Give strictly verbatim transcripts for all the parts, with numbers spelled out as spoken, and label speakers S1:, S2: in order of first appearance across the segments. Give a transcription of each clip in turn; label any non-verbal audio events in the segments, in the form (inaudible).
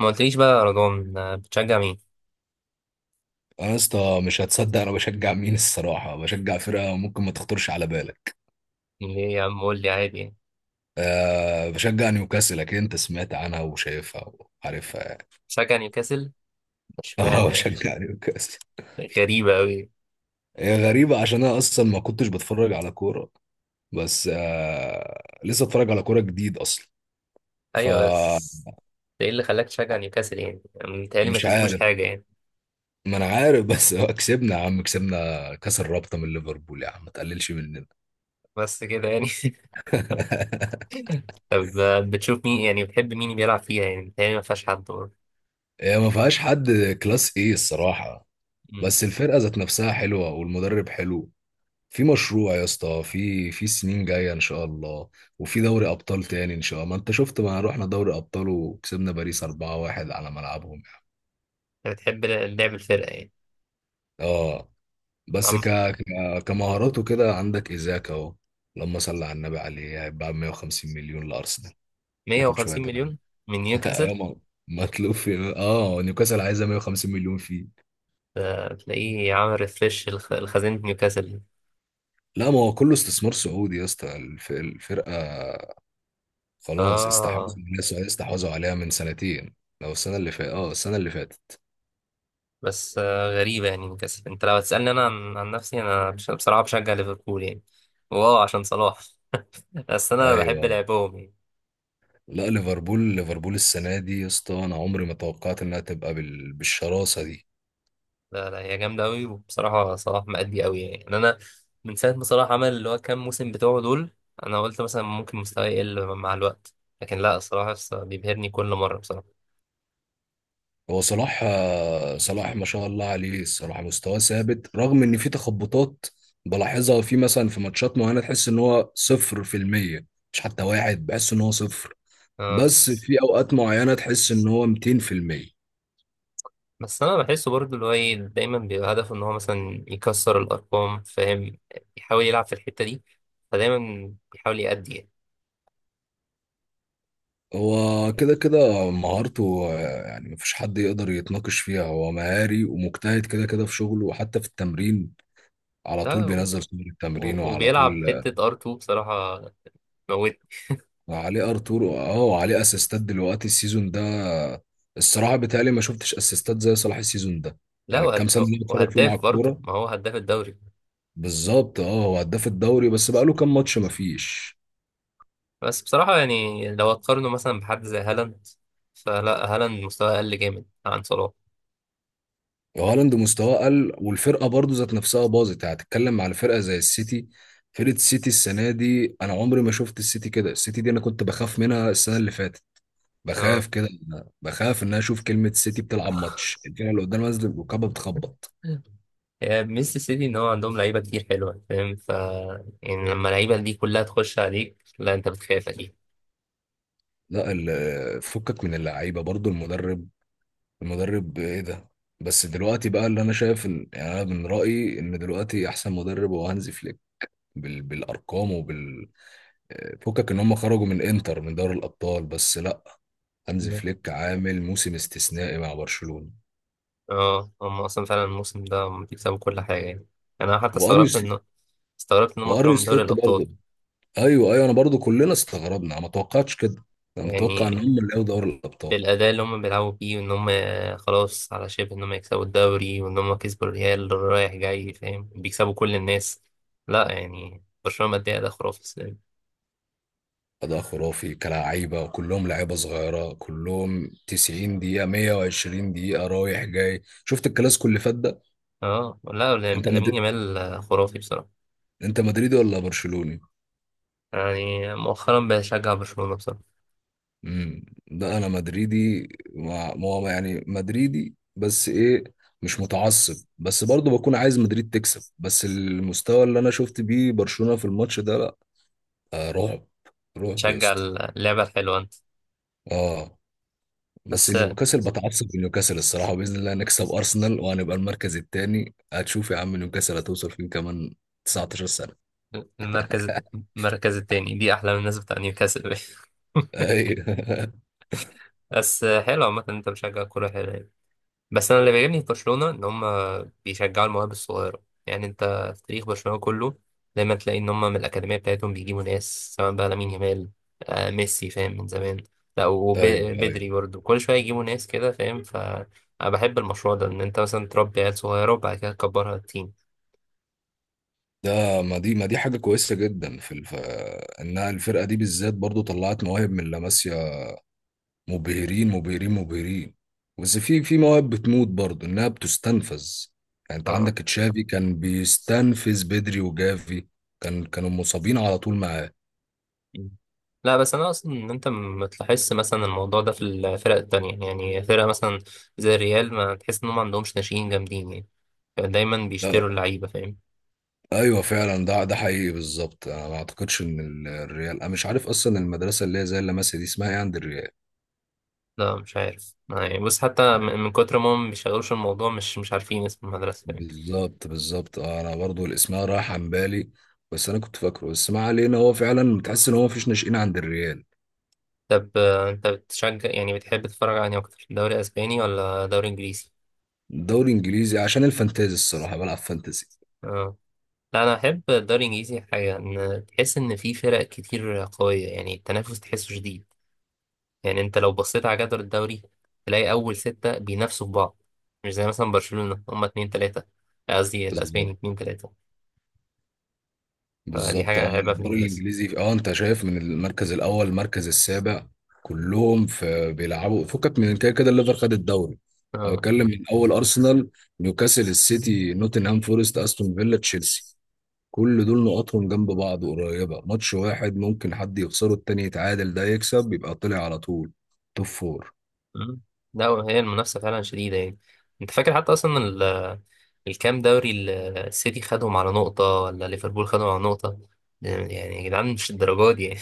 S1: ما قلتليش بقى يا رضوان، آه، بتشجع مين؟
S2: انا يا اسطى مش هتصدق، انا بشجع مين؟ الصراحه بشجع فرقه ممكن ما تخطرش على بالك.
S1: ليه يا عم، قول لي عادي يعني.
S2: أه بشجع نيوكاسل، اكيد انت سمعت عنها وشايفها وعارفها يعني.
S1: بتشجع نيوكاسل؟
S2: (laughs) اه
S1: اشمعنى يعني؟
S2: بشجع نيوكاسل.
S1: غريبة أوي.
S2: هي غريبه عشان انا اصلا ما كنتش بتفرج على كوره، بس أه لسه اتفرج على كوره جديد اصلا،
S1: أيوة بس
S2: فمش
S1: ده إيه اللي خلاك تشجع نيوكاسل يعني؟ متهيألي ما كسبوش
S2: عارف.
S1: حاجة يعني.
S2: ما انا عارف بس (laughs) هو كسبنا يا عم، كسبنا كاس الرابطه من ليفربول يا عم، ما تقللش مننا.
S1: بس كده يعني. (laughs) طب آه، بتشوف مين يعني، بتحب مين بيلعب فيها يعني؟ متهيألي ما فيهاش حد برضه.
S2: هي ما فيهاش حد كلاس ايه الصراحه،
S1: مم.
S2: بس الفرقه ذات نفسها حلوه والمدرب حلو. في مشروع يا اسطى، في في سنين جايه ان شاء الله، وفي دوري ابطال تاني ان شاء الله. ما انت شفت ما رحنا دوري ابطال وكسبنا باريس اربعة واحد على ملعبهم يعني.
S1: أنت بتحب لعب الفرقة يعني.
S2: اه بس
S1: عم-
S2: ك... ك... كمهارات وكده عندك ايزاك اهو، اللهم صل على النبي عليه، هيتباع مية وخمسين مليون لارسنال. ناخد
S1: 150
S2: شويه غن
S1: مليون. من
S2: (laughs)
S1: نيوكاسل.
S2: ايوه ما-، مطلوب في اه نيوكاسل، عايزه مية وخمسين مليون فيه.
S1: آه، تلاقيه عامل ريفريش الخزينة نيوكاسل.
S2: لا ما هو كله استثمار سعودي يا اسطى، الف... الفرقه خلاص استحوذوا
S1: آه.
S2: عليها، السعوديه استحوذوا عليها من سنتين، او السنه اللي فاتت، اه السنه اللي فاتت.
S1: بس آه، غريبة يعني نيوكاسل. انت لو هتسألني انا عن, عن نفسي، انا بش- بصراحة بشجع ليفربول يعني. واه عشان صلاح. (laughs) بس انا بحب
S2: ايوه،
S1: لعبهم يعني.
S2: لا ليفربول، ليفربول السنه دي يا اسطى انا عمري ما توقعت انها تبقى بال... بالشراسه دي.
S1: لا لا، هي جامدة قوي، وبصراحة صلاح مأدي قوي يعني يعني انا، من ساعة ما صلاح عمل اللي هو كام موسم بتوعه دول، انا قلت مثلا ممكن مستواه يقل مع الوقت، لكن لا صراحة بيبهرني كل مرة بصراحة.
S2: هو صلاح آه، صلاح ما شاء الله عليه، الصراحه مستواه ثابت رغم ان في تخبطات بلاحظها في مثلا في ماتشات معينه. تحس ان هو صفر في المية، مش حتى واحد، بحس ان هو صفر،
S1: آه.
S2: بس في اوقات معينه تحس ان هو ميتين في المية.
S1: بس انا بحسه برضه اللي هو ايه، دايما بيبقى هدفه ان هو مثلا يكسر الارقام، فاهم؟ يحاول يلعب في الحتة دي، فدايما بيحاول يأدي يعني.
S2: هو كده كده مهارته آه، يعني مفيش حد يقدر يتناقش فيها، هو مهاري ومجتهد كده كده في شغله وحتى في التمرين، على طول
S1: لا، و-
S2: بينزل صور التمرين وعلى
S1: وبيلعب
S2: طول آه،
S1: حتة ار اتنين بصراحة، موت.
S2: وعليه ارتور، اه وعليه اسيستات دلوقتي السيزون ده آه، الصراحه بيتهيألي ما شفتش اسيستات زي صلاح السيزون ده،
S1: لا
S2: يعني الكام
S1: وهد...
S2: سنه اللي أنا بتفرج فيه مع
S1: وهداف برضه،
S2: الكوره.
S1: ما هو هداف الدوري.
S2: بالظبط، اه هو هداف الدوري، بس بقاله كام ماتش مفيش.
S1: بس بصراحة يعني لو هتقارنه مثلا بحد زي هالاند، فلا هالاند مستواه أقل جامد عن صلاح.
S2: هالاند مستواه قل، والفرقه برضو ذات نفسها باظت، يعني هتتكلم على فرقه زي السيتي. فرقه السيتي السنه دي انا عمري ما شفت السيتي كده، السيتي دي انا كنت بخاف منها السنه اللي فاتت،
S1: اه
S2: بخاف كده، بخاف ان انا اشوف كلمه سيتي بتلعب ماتش، الفرقه اللي قدام نازله الركابه بتخبط.
S1: يعني ميزة السيتي إن هو عندهم لعيبة كتير حلوة، فاهم؟ ف يعني لما اللعيبة دي كلها تخش عليك، لا أنت بتخاف أكيد.
S2: لا ال- فكك من اللعيبه، برضو المدرب، المدرب ايه ده، بس دلوقتي بقى اللي انا شايف ان يعني، انا من رايي ان دلوقتي احسن مدرب هو هانزي فليك بال... بالارقام. فكك ان هم خرجوا من انتر من دوري الابطال، بس لا، هانز
S1: (laughs)
S2: فليك عامل موسم استثنائي مع برشلونة.
S1: اه هم أصلا فعلا الموسم ده هم بيكسبوا كل حاجة يعني. أنا حتى
S2: وارني
S1: استغربت
S2: سل...
S1: إن استغربت إن هم طلعوا
S2: وارني
S1: من دوري
S2: سلوت
S1: الأبطال.
S2: برضه. ايوه ايوه، انا برضه كلنا استغربنا، انا ما توقعتش كده، انا متوقع
S1: يعني
S2: ان هم اللي ياخدوا دوري الابطال.
S1: بالأداء اللي هم بيلعبوا بيه، وإن هم خلاص على شبه إن هم يكسبوا الدوري، وإن هم كسبوا الريال رايح جاي، فاهم؟ بيكسبوا كل الناس. لا يعني برشلونة مادية أداء خرافي السنة دي.
S2: اداء خرافي، كلاعيبه كلهم لعيبه صغيره، كلهم تسعين دقيقه مية وعشرين دقيقه رايح جاي. شفت الكلاسيكو اللي فات ده؟
S1: اه لا لام-
S2: انت
S1: لامين
S2: مد...
S1: يامال خرافي بصراحة.
S2: انت مدريدي ولا برشلوني؟
S1: يعني مؤخرا بشجع برشلونة بصراحة.
S2: امم ده انا مدريدي، ما ما هو يعني مدريدي بس ايه، مش متعصب، بس برضه بكون عايز مدريد تكسب، بس المستوى اللي انا شفت بيه برشلونة في الماتش ده لا، آه رعب، رعب يا
S1: شجع
S2: اسطى.
S1: اللعبة الحلوة أنت.
S2: اه بس
S1: بس
S2: نيوكاسل، بتعصب من نيوكاسل الصراحة، بإذن الله نكسب أرسنال وهنبقى المركز الثاني، هتشوف يا عم نيوكاسل هتوصل فين كمان، تسعتاشر سنة.
S1: المركز المركز التاني دي أحلى من الناس بتاع نيوكاسل. (laughs)
S2: أيوه (laughs)
S1: بس حلو عامة إن أنت بتشجع كورة حلوة يعني. بس أنا اللي بيعجبني في برشلونة إن هم بيشجعوا المواهب الصغيرة. يعني انت في تاريخ برشلونة كله دايما تلاقي ان هم من الأكاديمية بتاعتهم بيجيبوا ناس، سواء بقى لامين يامال، آه ميسي فاهم من زمان. لا
S2: أيوه أيوه،
S1: وبدري برضه كل شوية يجيبوا ناس كده، فاهم؟ ف أنا بحب المشروع ده، ان انت مثلا تربي عيال صغيرة وبعد كده تكبرها تيم.
S2: ده ما دي ما دي حاجة كويسة جدا في الف... انها الفرقة دي بالذات برضو طلعت مواهب من لاماسيا، مبهرين مبهرين مبهرين، بس في في مواهب بتموت برضو، انها بتستنفذ. يعني انت عندك
S1: اه
S2: تشافي كان بيستنفذ بدري وجافي، كان كانوا مصابين على طول معاه.
S1: لا، بس انا اصلا ان انت ما تلاحظش مثلا الموضوع ده في الفرق التانية يعني. فرقة مثلا زي الريال، ما تحس ان هم ما عندهمش ناشئين جامدين يعني. دايما
S2: لا
S1: بيشتروا اللعيبة فاهم.
S2: ايوه فعلا، ده ده حقيقي بالظبط، انا ما اعتقدش ان ال- الريال، انا مش عارف اصلا المدرسة اللي هي زي اللاماسيا دي اسمها ايه عند الريال.
S1: لا مش عارف يعني، بص، حتى من من كتر ما هم بيشغلوش الموضوع، مش مش عارفين اسم المدرسة يعني.
S2: بالظبط بالظبط، اه انا برضو الاسماء راح عن بالي، بس انا كنت فاكره، بس ما علينا، هو فعلا بتحس ان هو مفيش ناشئين عند الريال.
S1: طب آه، انت بتشجع يعني، بتحب تتفرج على أنهي اكتر، دوري اسباني ولا دوري انجليزي؟
S2: دوري انجليزي عشان الفانتازي، الصراحه بلعب فانتازي.
S1: اه لا انا احب الدوري الانجليزي، حاجة ان تحس ان في فرق كتير قوية يعني. التنافس تحسه شديد، يعني انت لو بصيت على جدول الدوري تلاقي اول ستة بينافسوا في بعض. مش زي مثلا برشلونة هما اتنين تلاتة، قصدي الاسباني
S2: بالظبط
S1: اتنين تلاتة. فدي
S2: بالظبط
S1: حاجة
S2: اه.
S1: عيبة في
S2: الدوري
S1: الانجليزي.
S2: الانجليزي اه انت شايف من المركز الاول المركز السابع كلهم في بيلعبوا، فكك من كده كده الليفر خد الدوري، انا
S1: اه.
S2: بتكلم من اول ارسنال، نيوكاسل، السيتي، نوتنهام فورست، استون فيلا، تشيلسي، كل دول نقطهم جنب بعض قريبة، ماتش واحد ممكن حد يخسره التاني يتعادل ده يكسب، يبقى طلع على طول توب فور.
S1: مم. لا هي المنافسة فعلا شديدة يعني. انت فاكر حتى اصلا ال- الكام دوري ال- السيتي خدهم على نقطة ولا ليفربول خدهم على نقطة. يعني يا جدعان مش الدرجات دي يعني.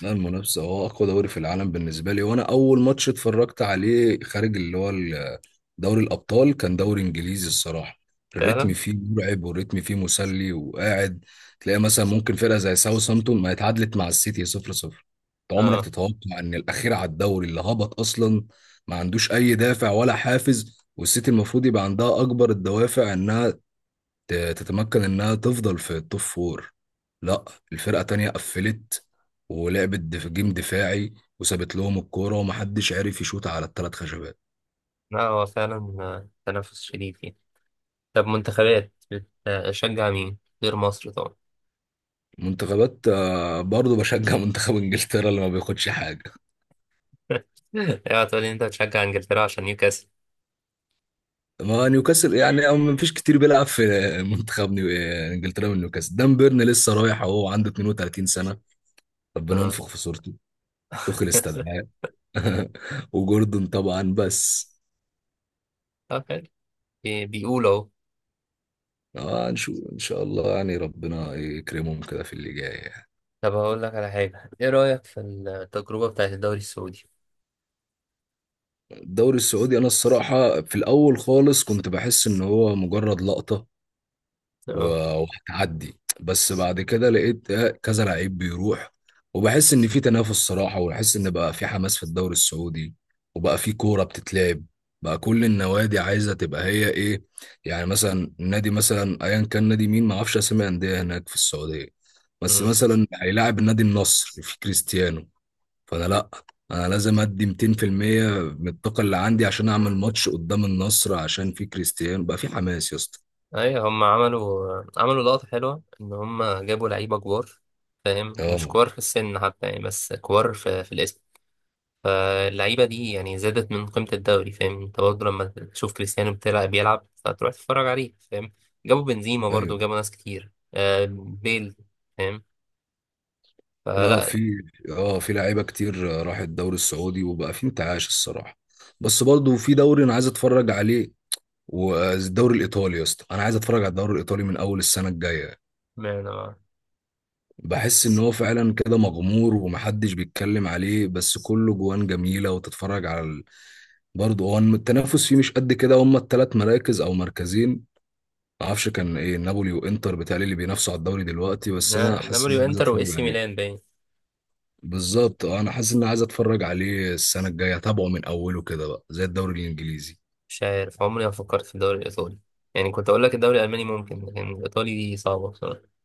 S2: لا المنافسة، هو أقوى دوري في العالم بالنسبة لي، وأنا أول ماتش اتفرجت عليه خارج اللي هو ال- دوري الأبطال كان دوري إنجليزي الصراحة.
S1: (laughs)
S2: الريتم
S1: فعلا.
S2: فيه مرعب، والريتم فيه مسلي، وقاعد تلاقي مثلا ممكن فرقة زي ساوثهامبتون ما اتعادلت مع السيتي صفر صفر. أنت عمرك
S1: اه
S2: تتوقع إن الأخير على الدوري، اللي هبط أصلا، ما عندوش أي دافع ولا حافز، والسيتي المفروض يبقى عندها أكبر الدوافع إنها ت- تتمكن انها تفضل في التوب فور. لا الفرقة تانية قفلت، ولعبت دف- جيم دفاعي، وسابت لهم الكورة ومحدش عارف يشوط على الثلاث خشبات.
S1: لا هو فعلا آه، تنافس شديد يعني. طب منتخبات بتشجع مين؟ غير مصر طبعا.
S2: منتخبات آه، برضه بشجع (laughs) منتخب انجلترا اللي ما بياخدش حاجة.
S1: (laughs) اوعى تقول لي انت بتشجع انجلترا عشان نيوكاسل.
S2: ما نيوكاسل يعني، أو ما فيش كتير بيلعب في منتخب نيو... انجلترا من نيوكاسل. دان بيرن لسه رايح اهو، عنده اتنين وتلاتين سنة، ربنا
S1: اه.
S2: ينفخ في صورته، توخيل
S1: (laughs)
S2: استدعاه (laughs) وجوردون طبعا، بس
S1: طب حلو. بي- بيقولوا اهو.
S2: اه نشوف ان شاء الله يعني، ربنا يكرمهم كده في اللي جاي يعني.
S1: طب هقول لك على حاجة، ايه رأيك في التجربة بتاعت الدوري السعودي؟
S2: الدوري السعودي انا الصراحه في الاول خالص كنت بحس ان هو مجرد لقطه و-
S1: اه.
S2: وهتعدي، بس بعد كده لقيت آه، كذا لعيب بيروح، وبحس ان في تنافس صراحه، وبحس ان بقى في حماس في الدوري السعودي، وبقى في كوره بتتلعب، بقى كل النوادي عايزه تبقى هي ايه. يعني مثلا نادي مثلا ايا كان، نادي مين، ما اعرفش اسامي انديه هناك في السعوديه، بس
S1: مم.
S2: مثلا هيلاعب النادي النصر في كريستيانو، فانا لا، انا لازم ادي ميتين في المية من الطاقه اللي عندي عشان اعمل ماتش قدام النصر، عشان في كريستيانو، بقى في حماس يا اسطى.
S1: ايوه هم عملوا عملوا لقطة حلوة ان هم جابوا لعيبة كبار، فاهم؟ مش
S2: اه
S1: كبار في السن حتى يعني، بس كبار في, في الاسم. فاللعيبة دي يعني زادت من قيمة الدوري، فاهم؟ انت برضه لما تشوف كريستيانو بتلعب بيلعب، فتروح تتفرج عليه، فاهم؟ جابوا بنزيما برضه،
S2: ايوه،
S1: جابوا ناس كتير، آه بيل، فاهم؟
S2: لا في
S1: فلا
S2: اه في لعيبه كتير راحت الدوري السعودي، وبقى في انتعاش الصراحه، بس برضو في دوري انا عايز اتفرج عليه، والدوري الايطالي يا اسطى، انا عايز اتفرج على الدوري الايطالي من اول السنه الجايه.
S1: ما
S2: بحس ان هو فعلا كده مغمور ومحدش بيتكلم عليه، بس كله جوان جميله، وتتفرج على، برضه هو التنافس فيه مش قد كده، هما التلات مراكز او مركزين، ما اعرفش كان ايه، نابولي وانتر بتاعي اللي بينافسوا على الدوري دلوقتي، بس انا حاسس ان
S1: نابولي
S2: انا عايز
S1: وانتر واي
S2: اتفرج
S1: سي
S2: عليه.
S1: ميلان باين.
S2: بالظبط، اه انا حاسس ان انا عايز اتفرج عليه السنه الجايه، اتابعه من اوله كده بقى زي الدوري الانجليزي.
S1: مش عارف، عمري ما فكرت في الدوري الايطالي، يعني كنت اقول لك الدوري الالماني ممكن، لكن الايطالي دي صعبة بصراحة.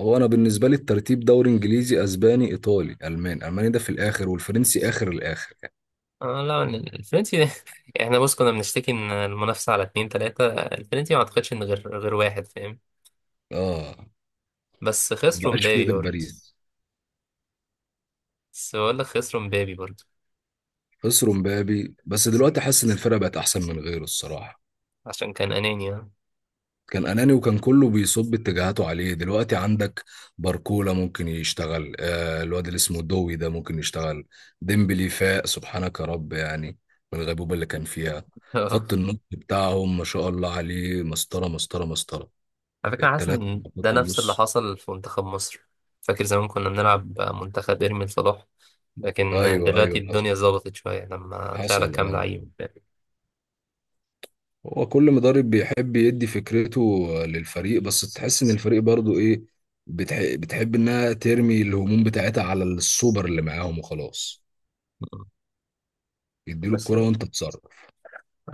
S2: هو انا بالنسبه لي الترتيب، دوري انجليزي، اسباني، ايطالي، الماني، الماني ده في الاخر، والفرنسي اخر الاخر يعني.
S1: آه لا الفرنسي. (laughs) احنا بص كنا بنشتكي ان المنافسة على اتنين تلاتة، الفرنسي ما اعتقدش ان غير غير واحد، فاهم؟
S2: اه
S1: بس
S2: ما
S1: خسروا
S2: بقاش فيه
S1: مبابي
S2: غير
S1: برضه.
S2: باريس.
S1: بس بقول لك خسروا مبابي برضه.
S2: خسروا مبابي بس دلوقتي حاسس ان الفرقه بقت احسن من غيره الصراحه،
S1: عشان كان اناني آه.
S2: كان اناني وكان كله بيصب اتجاهاته عليه، دلوقتي عندك باركولا ممكن يشتغل آه الواد اللي اسمه دوي ده ممكن يشتغل، ديمبلي فاق سبحانك يا رب يعني، من الغيبوبة اللي كان فيها.
S1: (laughs) آه.
S2: خط النص بتاعهم ما شاء الله عليه، مسطرة مسطرة مسطرة،
S1: على فكرة حاسس
S2: التلاتة
S1: ان
S2: في
S1: ده
S2: خط
S1: نفس اللي
S2: النص.
S1: حصل في منتخب مصر. فاكر زمان كنا بنلعب منتخب ارمي صلاح، لكن
S2: ايوه
S1: دلوقتي
S2: ايوه، حصل
S1: الدنيا ظبطت شوية لما طلع لك
S2: حصل
S1: كام
S2: اه
S1: لعيب. (laughs) فاهم؟
S2: هو كل مدرب بيحب يدي فكرته للفريق، بس تحس ان الفريق برضو ايه، بتح... بتحب انها ترمي الهموم بتاعتها على السوبر اللي معاهم وخلاص، يديله
S1: بس
S2: الكرة وانت تتصرف.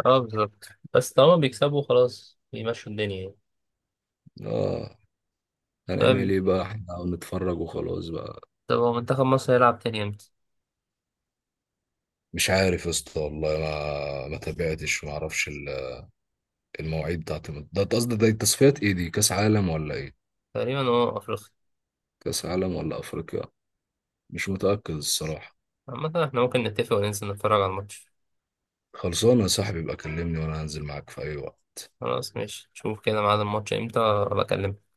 S1: اه بالظبط. بس طالما بيكسبوا خلاص بيمشوا الدنيا يعني.
S2: اه هنعمل
S1: طيب.
S2: ايه بقى، احنا نتفرج وخلاص بقى.
S1: طب هو منتخب مصر هيلعب تاني امتى؟
S2: مش عارف يا اسطى والله، ما ما تابعتش، ما اعرفش ال- المواعيد بتاعت الم- ده قصدي ده التصفيات، ايه دي، كاس عالم ولا ايه؟
S1: تقريبا اه افريقيا.
S2: كاس عالم ولا افريقيا، مش متأكد الصراحة.
S1: عامة احنا ممكن نتفق وننزل نتفرج على الماتش.
S2: خلصانه يا صاحبي، يبقى كلمني وانا هنزل معاك في اي وقت.
S1: خلاص ماشي، شوف كده ميعاد الماتش امتى، بكلمك.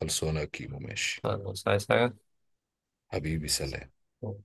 S2: خلصانه يا كيمو ماشي،
S1: خلاص عايز
S2: حبيبي سلام.
S1: حاجة